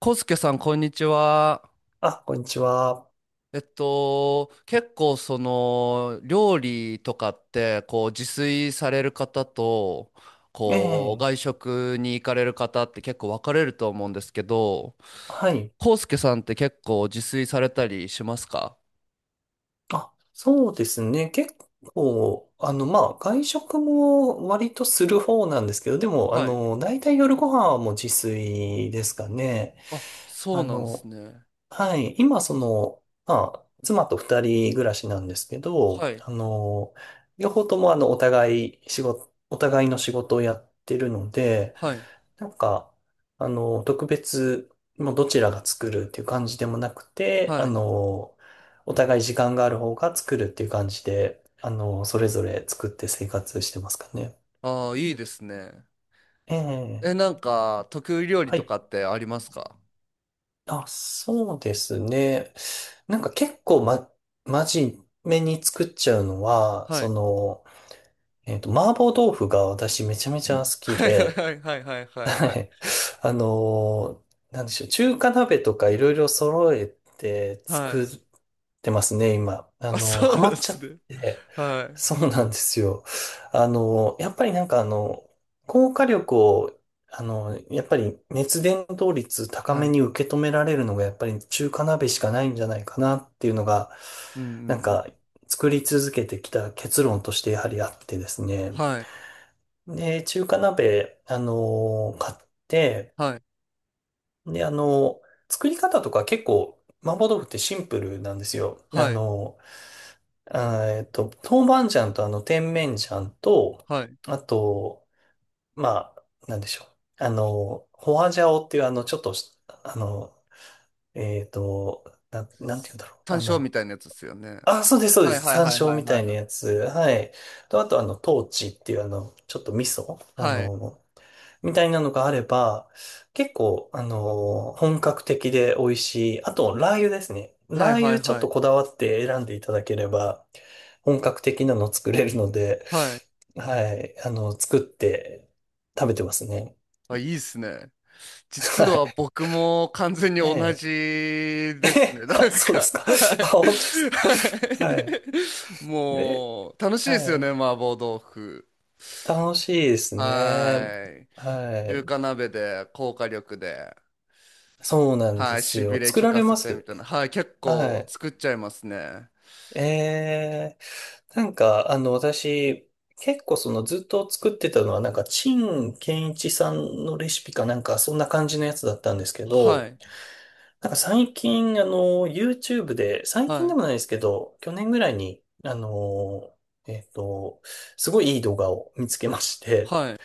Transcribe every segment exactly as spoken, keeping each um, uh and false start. コスケさん、こんにちは。あ、こんにちは。えっと、結構その料理とかってこう自炊される方とえこうえ、外食に行かれる方って結構分かれると思うんですけど、はい。コスケさんって結構自炊されたりしますか？あ、そうですね。結構、あの、まあ、外食も割とする方なんですけど、でも、あはい。の、大体夜ご飯はもう自炊ですかね。あ、そあうなんですの、ね。はい。今、その、まあ、妻とふたりぐらしなんですけど、はい。あの、両方とも、あの、お互い仕事、お互いの仕事をやってるので、はい。なんか、あの、特別、もうどちらが作るっていう感じでもなくて、はあい。の、お互い時間がある方が作るっていう感じで、あの、それぞれ作って生活してますかね。ああ、いいですね。ええ、え、なんか得意料理はとい。かってありますか？あ、そうですね。なんか結構ま、真面目に作っちゃうのは、はそい。の、えっと、麻婆豆腐が私めちゃめちゃ好きはいで、はいはいはいははいい。あのーなんでしょう。中華鍋とかいろいろ揃えてはい。作ってますね、今。ああ、のーそうハなマんでっちゃすっね。て。はい。そうなんですよ。あのーやっぱりなんかあの、高火力を、あのーやっぱり熱伝導率高はめい。に受け止められるのがやっぱり中華鍋しかないんじゃないかなっていうのが、うんうんうなんかん。作り続けてきた結論としてやはりあってですね。はい。で、中華鍋、あのー買って、はい。で、あの、作り方とか結構、麻婆豆腐ってシンプルなんですよ。あはい。の、あーえっと、豆板醤とあの、甜麺醤と、はい。あと、まあ、なんでしょう。あの、ホワジャオっていうあの、ちょっとし、あの、えっと、な、なんて言うんだろう。単あ勝みの、たいなやつですよね。あ、そうです、そうではいす。はい山はい椒はいみたはいいなはい。やつ。はい。と、あとあの、トーチっていうあの、ちょっと味噌。あの、みたいなのがあれば、結構、あのー本格的で美味しい。あと、ラー油ですね。はラいーは油いちはょいっはいとこだわって選んでいただければ、本格的なの作れるので、はい。はい、あの、作って食べてますね。あ、いいっすね。実ははい。僕も完全にえ同じえ。ですね。えなんあ、そうでか、すか。はい。あ、本当ですか。ははい。い、え、もう楽しいではすよね、い。麻婆豆腐。楽しいですね。はい。は中い。華鍋で、高火力で。そうなんではい、すしびよ。れ作聞らかれせまてみすたいな。結構？はい、結は構い。作っちゃいますね。ええ。なんか、あの、私、結構そのずっと作ってたのは、なんか、陳建一さんのレシピかなんか、そんな感じのやつだったんですけはど、い、なんか最近、あの、YouTube で、最は近でい、もないですけど、去年ぐらいに、あの、えっと、すごいいい動画を見つけまして、はい。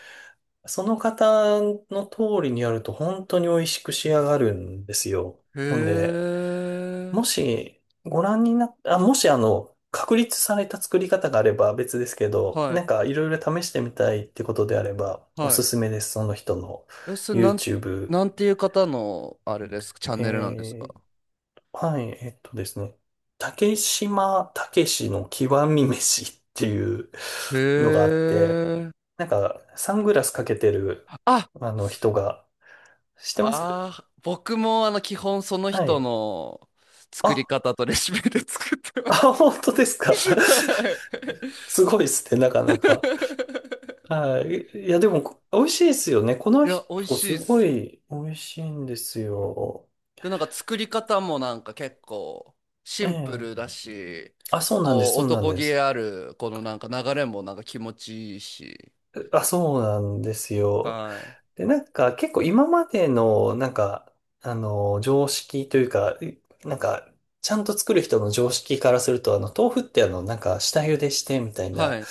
その方の通りにやると本当に美味しく仕上がるんですよ。へほんで、え、もし、ご覧になっあ、もし、あの、確立された作り方があれば別ですけど、はない、んかいろいろ試してみたいってことであれば、おはすすめです。その人の い。え、それなん、YouTube。なんていう方の、あれですか、チャンネルなんですか？えー、はい、えっとですね。竹島武しの極み飯っていうのがあへって、え。なんかサングラスかけてるあ、あの人が、知ってます？あー、僕もあの、基本そのは人い。の作りあ、方とレシピで作ってあ、ます。本当です か。はい すごいっすね、なかな か。はい。いや、でも、美味しいですよね。こいのや、美味人、しいすっごす。い美味しいんですよ。で、なんか作り方もなんか結構シえンプルえ。だし、あ、そうなんでこす、うそうなん男で気す。あるこのなんか流れもなんか気持ちいいし。あ、そうなんですよ。はい。で、なんか、結構今までの、なんか、あの、常識というか、いなんか、ちゃんと作る人の常識からすると、あの、豆腐ってあの、なんか、下茹でしてみたいはな、い。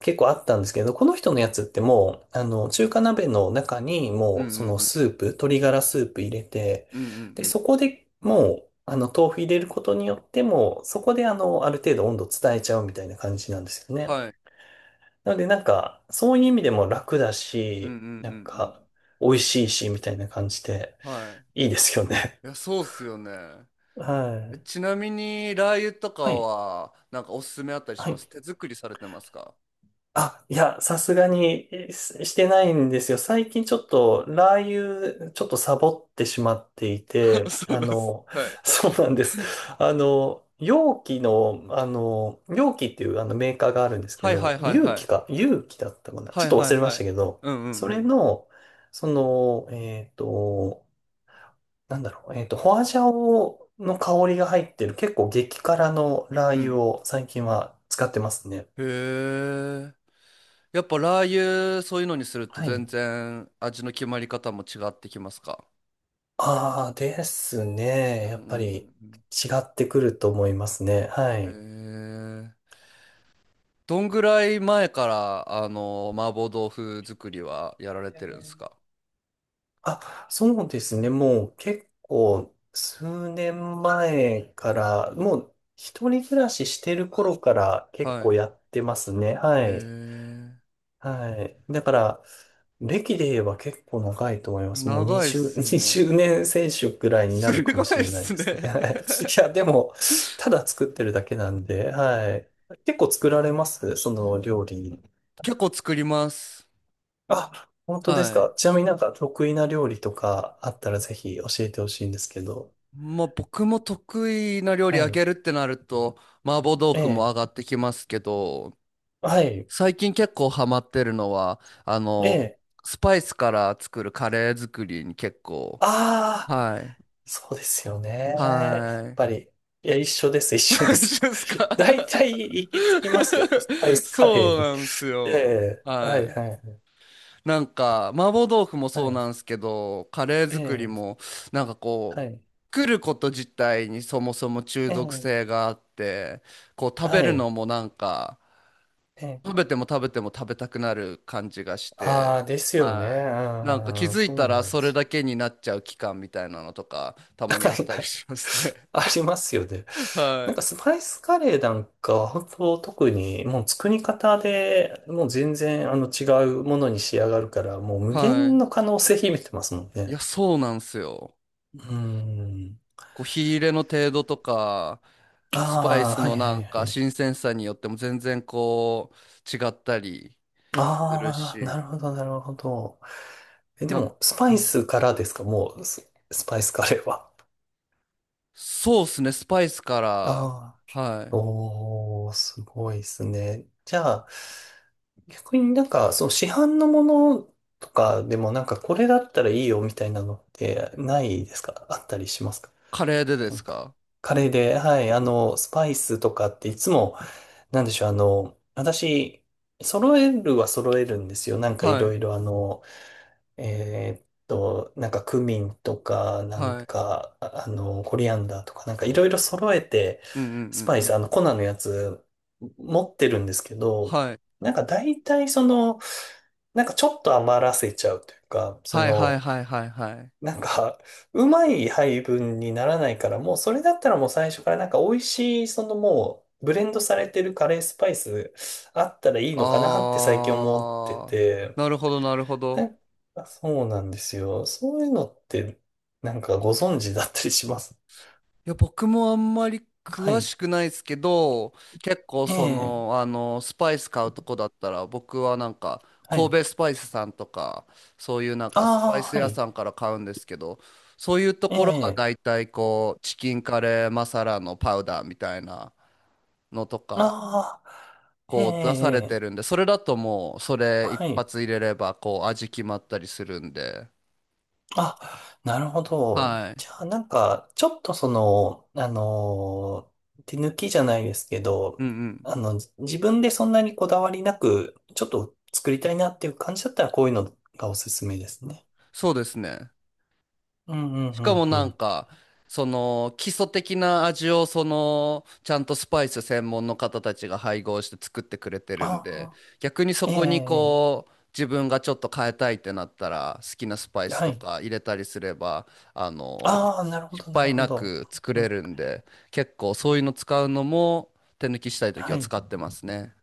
結構あったんですけど、この人のやつってもう、あの、中華鍋の中にうもんうう、そんのうん。スープ、鶏ガラスープ入れて、うんうんで、うん。そこでもう、あの、豆腐入れることによっても、そこであの、ある程度温度伝えちゃうみたいな感じなんですよね。はい。なので、なんか、そういう意味でも楽だうんうんし、うなんんうか、ん。美味しいし、みたいな感じで、はいいですよね。い。いや、そうっすよね。はえい。ちなみに、ラー油とかはい。は、なんかおすすめあったりしはまい。す手作りされてますか？ あ、いや、さすがにえししてないんですよ。最近ちょっとラー油、ちょっとサボってしまってい て、そうあです。の、はい。そうなんです。あの、容器の、あの、容器っていうあのメーカーがあるんですけはいはど、いはい容は器い。か、容器だったかな。はちょっいとは忘いれまはしたい。けど、うんうんそうれん。の、その、えっと、なんだろう、えっと、ホアジャオの香りが入ってる結構激辛のラーう油ん。を最近は使ってますね。へえ。やっぱラー油、そういうのにするとは全い。然味の決まり方も違ってきますか？ああ、ですうね。んうやっぱり違んってくると思いますね。はうんい。うん。へえー。どんぐらい前から、あの、麻婆豆腐作りはやられてるんですか？あ、そうですね。もう結構数年前から、もう一人暮らししてる頃から結はい。へ構やってますね。えはい。ー。はい。だから、歴で言えば結構長いと思います。もう長いっにじゅう、す20ね。年選手くらいになるすかごもしいっれないすですね。ね。 いや、でも、ただ作ってるだけなんで、はい。結構作られますその料理？結構作ります。あ、本当ですはい。か。ちなみになんか得意な料理とかあったらぜひ教えてほしいんですけど。まあ僕も得意な料理はあげい。るってなると、麻婆豆え腐も上え。がってきますけど、はい。最近結構ハマってるのは、あえの、え。スパイスから作るカレー作りに結構、ああ、はい、そうですよね。やっはぱり。いや、一緒です、一い。緒で 一す。緒ですか？ 大体行き着きますよね。スパイ スカレそーうに。なんですえよ。え。ははい、い。はい、なんか、麻婆豆腐もはそうい。なんですけど、カレーえ作りえ。も、なんかはこい。う、作ること自体にそもそも中え毒え。性があって、こう食べはるのい。もなんか、ええ。食べても食べても食べたくなる感じがしあて、あ、ですよね。はい。なんか気うん、づいそたうらなんそでれすよ。だけになっちゃう期間みたいなのとか、たはまにあっいたはりい。しますね。ありますよね。なんはかい。スパイスカレーなんかは本当特にもう作り方でもう全然あの違うものに仕上がるからもう無限はの可能性秘めてますもんい。いや、ね。そうなんですよ。うーん。こう、火入れの程度とか、あスパイスあ、はいのはなんいかはい。新鮮さによっても全然こう、違ったりするああ、なし、るほどなるほど。え、でなんもスパうイん、スからですか？もうス、スパイスカレーは。そうですね、スパイスから、あはあ。い。おー、すごいですね。じゃあ、逆になんか、そう、市販のものとかでもなんか、これだったらいいよみたいなのってないですか？あったりしますか？カレーででなんすか、か？カレーで、はい、あの、スパイスとかっていつも、なんでしょう、あの、私、揃えるは揃えるんですよ。なんかいはい。ろいろあの、えーっと、なんかクミンとか、なんはい。か、ああの、コリアンダーとか、なんかいろいろ揃えて、うんうスんパうイんうス、あん。の、粉のやつ持ってるんですけど、はい。なんか大体その、なんかちょっと余らせちゃうというか、そはいはいの、はいはいはい。なんか、うまい配分にならないから、もうそれだったらもう最初からなんか美味しい、そのもう、ブレンドされてるカレースパイスあったらいいのかなって最近思ってあー、て、なるほどなるほなど。んかそうなんですよ。そういうのって、なんかご存知だったりします？いや、僕もあんまり は詳い。しくないですけど、結構えそえ、の、あの、スパイス買うとこだったら、僕はなんか、は神い。戸スパイスさんとか、そういうなんかスパイあスあ、は屋い。さんから買うんですけど、そういうとえころがえ、大体こう、チキンカレーマサラのパウダーみたいなのとか、ああ、ええ、こう出されてえるんえ。で、それだともう、それ一はい。発入れれば、こう、味決まったりするんで。あ、なるほど。はい。じゃあ、なんか、ちょっとその、あのー、手抜きじゃないですけうど、んうん。あの、じ自分でそんなにこだわりなく、ちょっと作りたいなっていう感じだったら、こういうのがおすすめですね。そうですね。うん、うん、しうかん、もうなんん。か、その基礎的な味を、そのちゃんとスパイス専門の方たちが配合して作ってくれてあるんで、あ、逆にそええ、こにええ。こう自分がちょっと変えたいってなったら好きなスパイスはとい。か入れたりすれば、あの、ああ、なるほ失ど、なる敗ほなど。く作うれん。るんで、結構そういうの使うのも手抜きしたい時ははい。使ってますね。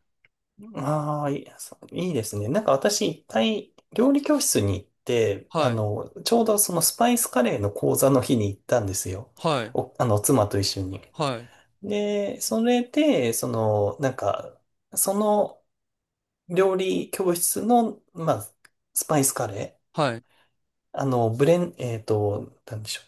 ああ、いい、そういいですね。なんか私、いっかい、料理教室に行って、あはい。の、ちょうどそのスパイスカレーの講座の日に行ったんですよ。はい。お、あの、妻と一緒に。はい。で、それで、その、なんか、その料理教室の、まあ、スパイスカレはい。ー、あの、ブレン、えっと、なんでしょ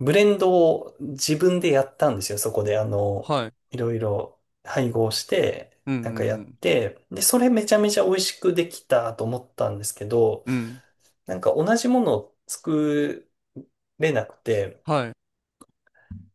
う。ブレンドを自分でやったんですよ。そこで、あの、はい。いろいろ配合して、うんなんかやうっんて、で、それめちゃめちゃ美味しくできたと思ったんですけど、うん。うん。なんか同じものを作れなくて、はい。